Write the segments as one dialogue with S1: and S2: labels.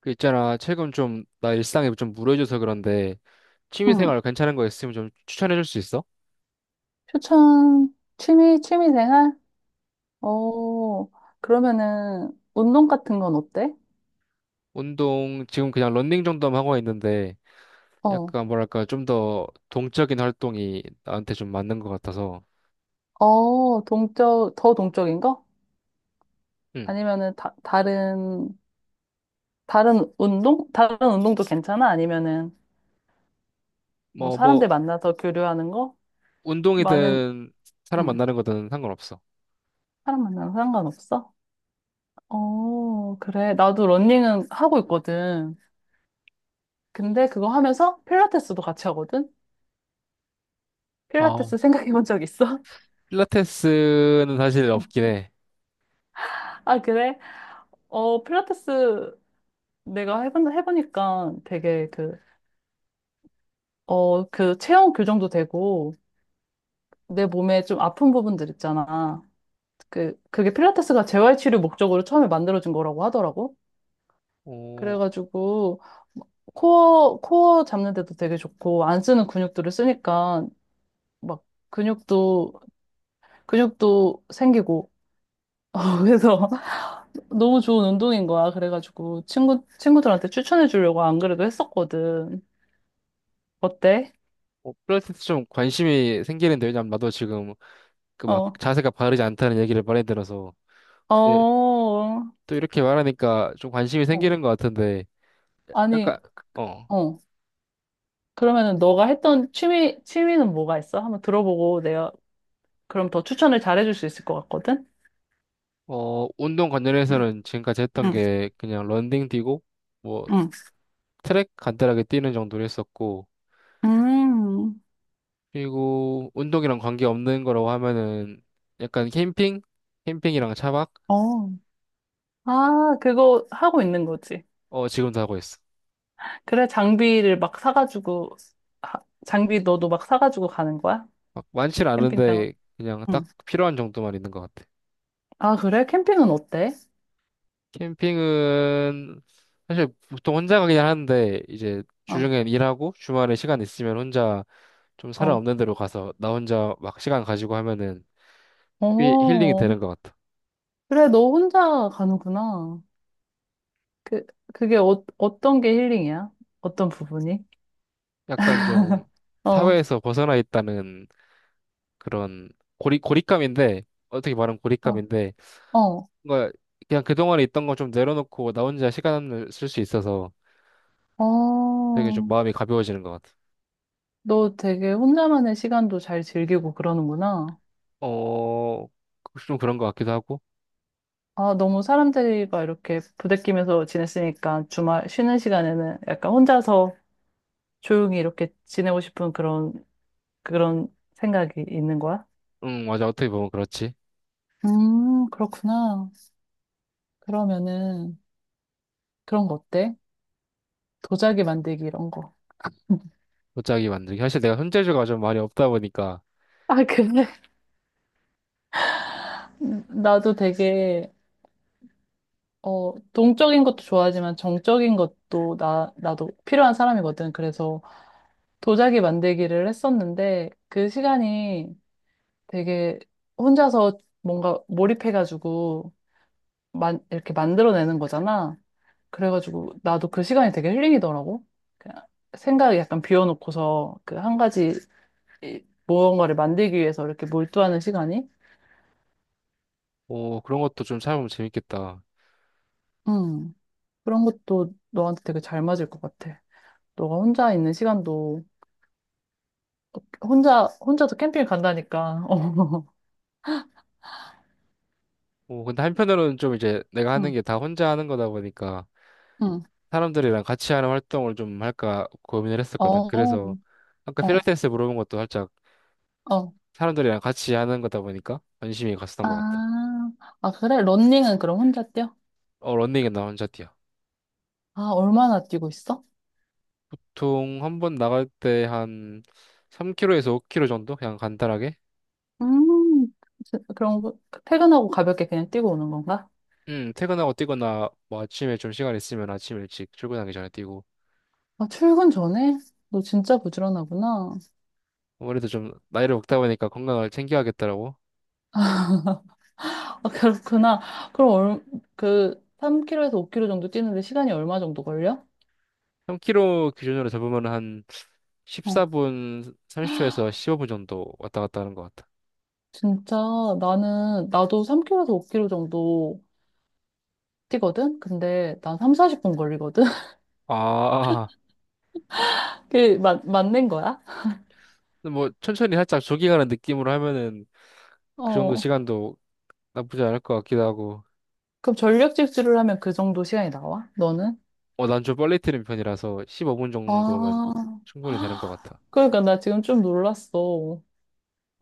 S1: 그 있잖아, 최근 좀 나 일상이 좀 무료해져서 그런데
S2: 응.
S1: 취미생활 괜찮은 거 있으면 좀 추천해줄 수 있어?
S2: 취미 생활? 어, 그러면은, 운동 같은 건 어때?
S1: 운동 지금 그냥 런닝 정도만 하고 있는데
S2: 어,
S1: 약간 뭐랄까 좀 더 동적인 활동이 나한테 좀 맞는 것 같아서.
S2: 더 동적인 거?
S1: 응.
S2: 아니면은, 다른 운동? 다른 운동도 괜찮아? 아니면은, 뭐,
S1: 뭐
S2: 사람들
S1: 뭐
S2: 만나서 교류하는 거? 많은,
S1: 운동이든 사람
S2: 응,
S1: 만나는 거든 상관없어.
S2: 사람 만나는 거 상관없어? 어, 그래. 나도 러닝은 하고 있거든. 근데 그거 하면서 필라테스도 같이 하거든?
S1: 아,
S2: 필라테스 생각해 본 적 있어?
S1: 필라테스는 사실 없긴 해.
S2: 아, 그래? 어, 필라테스 해보니까 되게 그 체형 교정도 되고 내 몸에 좀 아픈 부분들 있잖아. 그게 필라테스가 재활치료 목적으로 처음에 만들어진 거라고 하더라고.
S1: 어,
S2: 그래가지고 코어 잡는 데도 되게 좋고 안 쓰는 근육들을 쓰니까 막 근육도, 근육도 생기고. 어, 그래서 너무 좋은 운동인 거야. 그래가지고 친구들한테 추천해 주려고 안 그래도 했었거든. 어때?
S1: 필라테스 좀 관심이 생기는데, 왜냐면 나도 지금 그 막
S2: 어.
S1: 자세가 바르지 않다는 얘기를 많이 들어서.
S2: 어,
S1: 네,
S2: 어,
S1: 또 이렇게 말하니까 좀 관심이 생기는 것 같은데, 약간.
S2: 아니,
S1: 어,
S2: 어. 그러면은 너가 했던 취미는 뭐가 있어? 한번 들어보고 내가 그럼 더 추천을 잘해줄 수 있을 것 같거든?
S1: 운동 관련해서는 지금까지
S2: 응,
S1: 했던
S2: 응,
S1: 게 그냥 런닝 뛰고, 뭐,
S2: 응.
S1: 트랙 간단하게 뛰는 정도로 했었고,
S2: 음,
S1: 그리고 운동이랑 관계없는 거라고 하면은 약간 캠핑? 캠핑이랑 차박?
S2: 어, 아, 그거 하고 있는 거지.
S1: 어, 지금도 하고 있어.
S2: 그래, 장비를 막 사가지고, 장비 너도 막 사가지고 가는 거야?
S1: 막많는
S2: 캠핑장은?
S1: 않은데 그냥
S2: 응.
S1: 딱 필요한 정도만 있는 것 같아.
S2: 아, 그래? 캠핑은 어때?
S1: 캠핑은 사실 보통 혼자 가긴 하는데, 이제
S2: 어,
S1: 주중엔 일하고 주말에 시간 있으면 혼자 좀 사람
S2: 어,
S1: 없는 데로 가서 나 혼자 막 시간 가지고 하면은 꽤 힐링이
S2: 어.
S1: 되는 것 같아.
S2: 그래, 너 혼자 가는구나. 그, 그게 어, 어떤 게 힐링이야? 어떤 부분이?
S1: 약간 좀
S2: 어,
S1: 사회에서 벗어나 있다는 그런 고립감인데, 어떻게 말하면
S2: 어,
S1: 고립감인데,
S2: 어,
S1: 뭔가 그냥 그동안에 있던 거 좀 내려놓고 나 혼자 시간을 쓸 수 있어서 되게 좀
S2: 어.
S1: 마음이 가벼워지는 것 같아.
S2: 너 되게 혼자만의 시간도 잘 즐기고 그러는구나.
S1: 어, 좀 그런 것 같기도 하고.
S2: 아, 너무 사람들과 이렇게 부대끼면서 지냈으니까 주말 쉬는 시간에는 약간 혼자서 조용히 이렇게 지내고 싶은 그런, 그런 생각이 있는 거야?
S1: 응, 맞아. 어떻게 보면 그렇지.
S2: 그렇구나. 그러면은 그런 거 어때? 도자기 만들기 이런 거.
S1: 도자기 만들기. 사실 내가 손재주가 좀 많이 없다 보니까.
S2: 아, 그래? 나도 되게 어, 동적인 것도 좋아하지만 정적인 것도 나도 필요한 사람이거든. 그래서 도자기 만들기를 했었는데 그 시간이 되게 혼자서 뭔가 몰입해가지고 이렇게 만들어내는 거잖아. 그래가지고 나도 그 시간이 되게 힐링이더라고. 그냥 생각을 약간 비워놓고서 그 한 가지 무언가를 만들기 위해서 이렇게 몰두하는 시간이?
S1: 오, 그런 것도 좀 찾아보면 재밌겠다.
S2: 음, 그런 것도 너한테 되게 잘 맞을 것 같아. 너가 혼자 있는 시간도 혼자도 캠핑 간다니까. 어,
S1: 오, 근데 한편으로는 좀 이제 내가 하는
S2: 응,
S1: 게 다 혼자 하는 거다 보니까
S2: 응.
S1: 사람들이랑 같이 하는 활동을 좀 할까 고민을 했었거든.
S2: 어,
S1: 그래서 아까
S2: 어,
S1: 필라테스 물어본 것도 살짝
S2: 어.
S1: 사람들이랑 같이 하는 거다 보니까 관심이 갔었던
S2: 아,
S1: 것 같아.
S2: 아, 그래? 런닝은 그럼 혼자 뛰어?
S1: 어, 런닝은 나 혼자 뛰어.
S2: 아, 얼마나 뛰고 있어?
S1: 보통 한 번 나갈 때 한 3km에서 5km 정도? 그냥 간단하게?
S2: 음, 그럼 퇴근하고 가볍게 그냥 뛰고 오는 건가?
S1: 퇴근하고 뛰거나 뭐 아침에 좀 시간 있으면 아침 일찍 출근하기 전에 뛰고.
S2: 아, 출근 전에? 너 진짜 부지런하구나.
S1: 아무래도 좀 나이를 먹다 보니까 건강을 챙겨야겠더라고.
S2: 아, 그렇구나. 그럼 3km에서 5km 정도 뛰는데 시간이 얼마 정도 걸려?
S1: 3km 기준으로 잡으면 한
S2: 어,
S1: 14분 30초에서 15분 정도 왔다 갔다 하는 것 같아.
S2: 진짜 나도 3km에서 5km 정도 뛰거든? 근데 난 3, 40분 걸리거든?
S1: 아,
S2: 맞는 거야?
S1: 근데 뭐 천천히 살짝 조깅하는 느낌으로 하면은 그 정도
S2: 어.
S1: 시간도 나쁘지 않을 것 같기도 하고.
S2: 그럼 전력 질주를 하면 그 정도 시간이 나와? 너는?
S1: 어, 난 좀 빨리 뛰는 편이라서 15분 정도면
S2: 아,
S1: 충분히 되는 것 같아.
S2: 그러니까 나 지금 좀 놀랐어.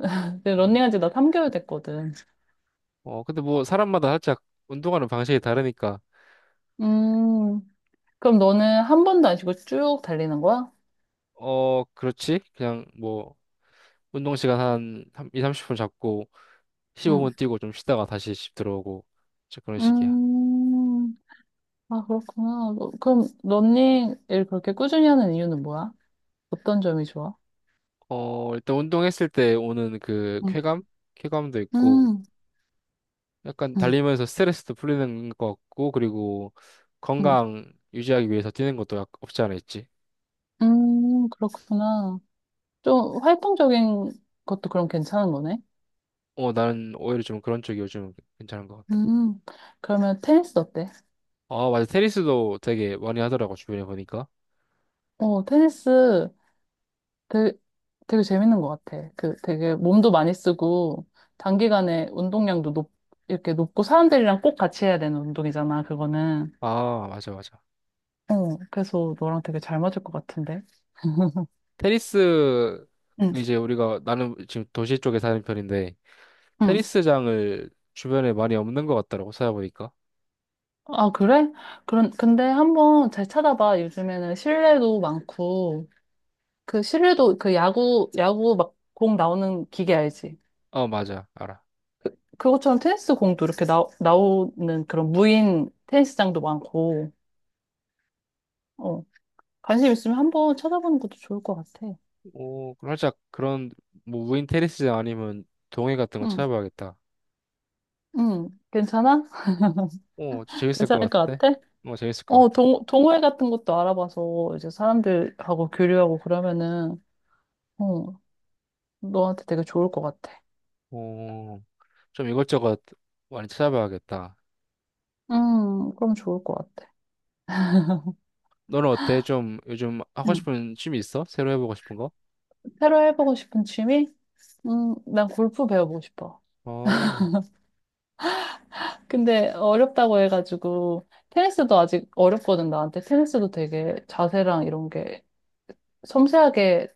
S2: 근데
S1: 음.
S2: 런닝한 지 나 3개월 됐거든.
S1: 어, 근데 뭐 사람마다 살짝 운동하는 방식이 다르니까.
S2: 음, 그럼 너는 한 번도 안 쉬고 쭉 달리는 거야?
S1: 어, 그렇지. 그냥 뭐 운동 시간 한 2, 30분 잡고
S2: 응.
S1: 15분 뛰고 좀 쉬다가 다시 집 들어오고 이제 그런 식이야.
S2: 음, 아, 그렇구나. 그럼 런닝을 그렇게 꾸준히 하는 이유는 뭐야? 어떤 점이 좋아?
S1: 어, 일단 운동했을 때 오는 그
S2: 응.
S1: 쾌감? 쾌감도 있고,
S2: 음,
S1: 약간
S2: 음,
S1: 달리면서 스트레스도 풀리는 것 같고, 그리고
S2: 음,
S1: 건강 유지하기 위해서 뛰는 것도 없지 않아 있지.
S2: 그렇구나. 좀 활동적인 것도 그럼 괜찮은 거네?
S1: 어, 나는 오히려 좀 그런 쪽이 요즘 괜찮은 것 같다.
S2: 음, 그러면 테니스 어때?
S1: 아, 맞아. 테니스도 되게 많이 하더라고, 주변에 보니까.
S2: 어, 테니스 되게, 되게 재밌는 것 같아. 그 되게 몸도 많이 쓰고, 단기간에 운동량도 이렇게 높고, 사람들이랑 꼭 같이 해야 되는 운동이잖아, 그거는.
S1: 아, 맞아, 맞아.
S2: 어, 그래서 너랑 되게 잘 맞을 것 같은데.
S1: 테니스,
S2: 응,
S1: 이제 우리가, 나는 지금 도시 쪽에 사는 편인데,
S2: 응.
S1: 테니스장을 주변에 많이 없는 것 같더라고, 찾아보니까.
S2: 아, 그래? 그런, 근데 한번 잘 찾아봐. 요즘에는 실내도 많고, 그 실내도 그 야구 막 공 나오는 기계 알지?
S1: 어, 맞아. 알아.
S2: 그것처럼 테니스 공도 이렇게 나오는 그런 무인 테니스장도 많고, 어, 관심 있으면 한번 찾아보는 것도 좋을 것 같아.
S1: 어, 그럼 살짝 그런 뭐 무인 테니스장 아니면 동해 같은 거
S2: 응,
S1: 찾아봐야겠다.
S2: 응, 괜찮아?
S1: 어, 재밌을 것
S2: 괜찮을 것
S1: 같은데?
S2: 같아?
S1: 어, 재밌을 것
S2: 어,
S1: 같아.
S2: 동호회 같은 것도 알아봐서 이제 사람들하고 교류하고 그러면은, 어, 너한테 되게 좋을 것 같아.
S1: 어, 좀 이것저것 많이 찾아봐야겠다.
S2: 그럼 좋을 것 같아.
S1: 너는 어때? 좀 요즘 하고
S2: 응.
S1: 싶은 취미 있어? 새로 해보고 싶은 거?
S2: 새로 해보고 싶은 취미? 난 골프 배워보고 싶어.
S1: 어,
S2: 근데 어렵다고 해가지고 테니스도 아직 어렵거든 나한테. 테니스도 되게 자세랑 이런 게 섬세하게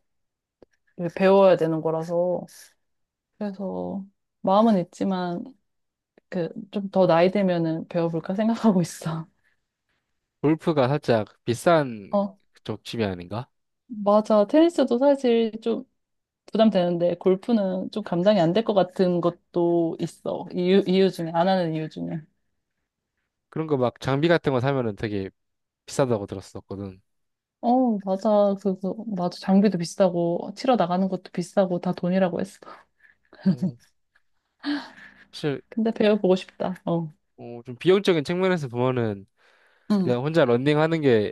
S2: 배워야 되는 거라서 그래서 마음은 있지만 그 좀 더 나이 되면은 배워볼까 생각하고 있어.
S1: 골프가 살짝 비싼
S2: 어,
S1: 쪽 취미 아닌가?
S2: 맞아. 테니스도 사실 좀 부담되는데 골프는 좀 감당이 안 될 것 같은 것도 있어, 이유 중에, 안 하는 이유 중에.
S1: 그런 거 막 장비 같은 거 사면은 되게 비싸다고 들었었거든.
S2: 어, 맞아. 그거 맞아. 장비도 비싸고 치러 나가는 것도 비싸고 다 돈이라고 했어.
S1: 어, 사실,
S2: 근데 배워보고 싶다. 어.
S1: 좀 비용적인 측면에서 보면은
S2: 응,
S1: 그냥 혼자 런닝하는 게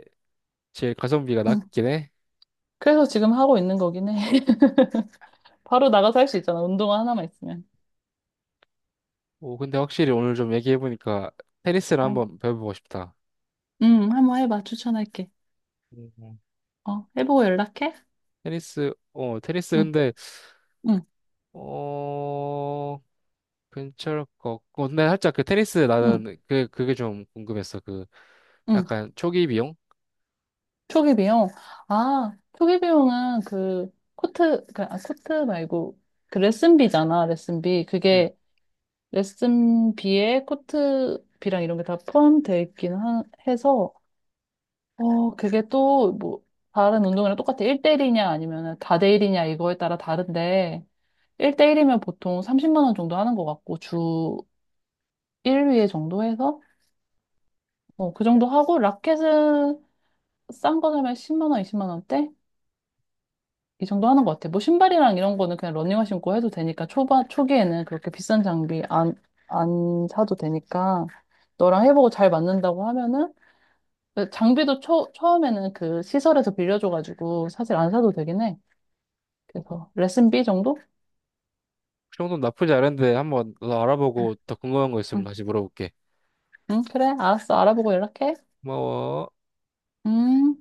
S1: 제일 가성비가
S2: 응.
S1: 낮긴 해.
S2: 그래서 지금 하고 있는 거긴 해. 바로 나가서 할 수 있잖아. 운동화 하나만 있으면.
S1: 오, 근데 확실히 오늘 좀 얘기해보니까 테니스를
S2: 어.
S1: 한번 배워보고 싶다.
S2: 응, 한번 해봐. 추천할게.
S1: 음.
S2: 어, 해보고 연락해.
S1: 테니스
S2: 응.
S1: 근데,
S2: 응,
S1: 어, 괜찮을 것 같고. 근데 살짝 그 테니스
S2: 응,
S1: 나는 그게 좀 궁금했어. 그,
S2: 응.
S1: 약간 초기 비용?
S2: 초기 비용. 아, 초기 비용은 그 코트, 그, 아, 코트 말고 그 레슨비잖아. 레슨비.
S1: 응.
S2: 그게 레슨비에 코트비랑 이런 게 다 포함되어 있긴 해서. 어, 그게 또, 뭐, 다른 운동이랑 똑같아. 1대1이냐, 아니면 다대1이냐, 이거에 따라 다른데, 1대1이면 보통 30만 원 정도 하는 것 같고, 주 1회 정도 해서, 어, 그 정도 하고, 라켓은 싼 거 사면 10만 원, 20만 원대? 이 정도 하는 것 같아. 뭐, 신발이랑 이런 거는 그냥 러닝화 신고 해도 되니까, 초반, 초기에는 그렇게 비싼 장비 안 사도 되니까, 너랑 해보고 잘 맞는다고 하면은, 장비도 처음에는 그 시설에서 빌려줘가지고, 사실 안 사도 되긴 해. 그래서 레슨 B 정도?
S1: 그 정도는 나쁘지 않은데 한번 더
S2: 응,
S1: 알아보고 더 궁금한 거 있으면
S2: 응.
S1: 다시 물어볼게.
S2: 응, 그래. 알았어. 알아보고 연락해.
S1: 고마워.
S2: 음.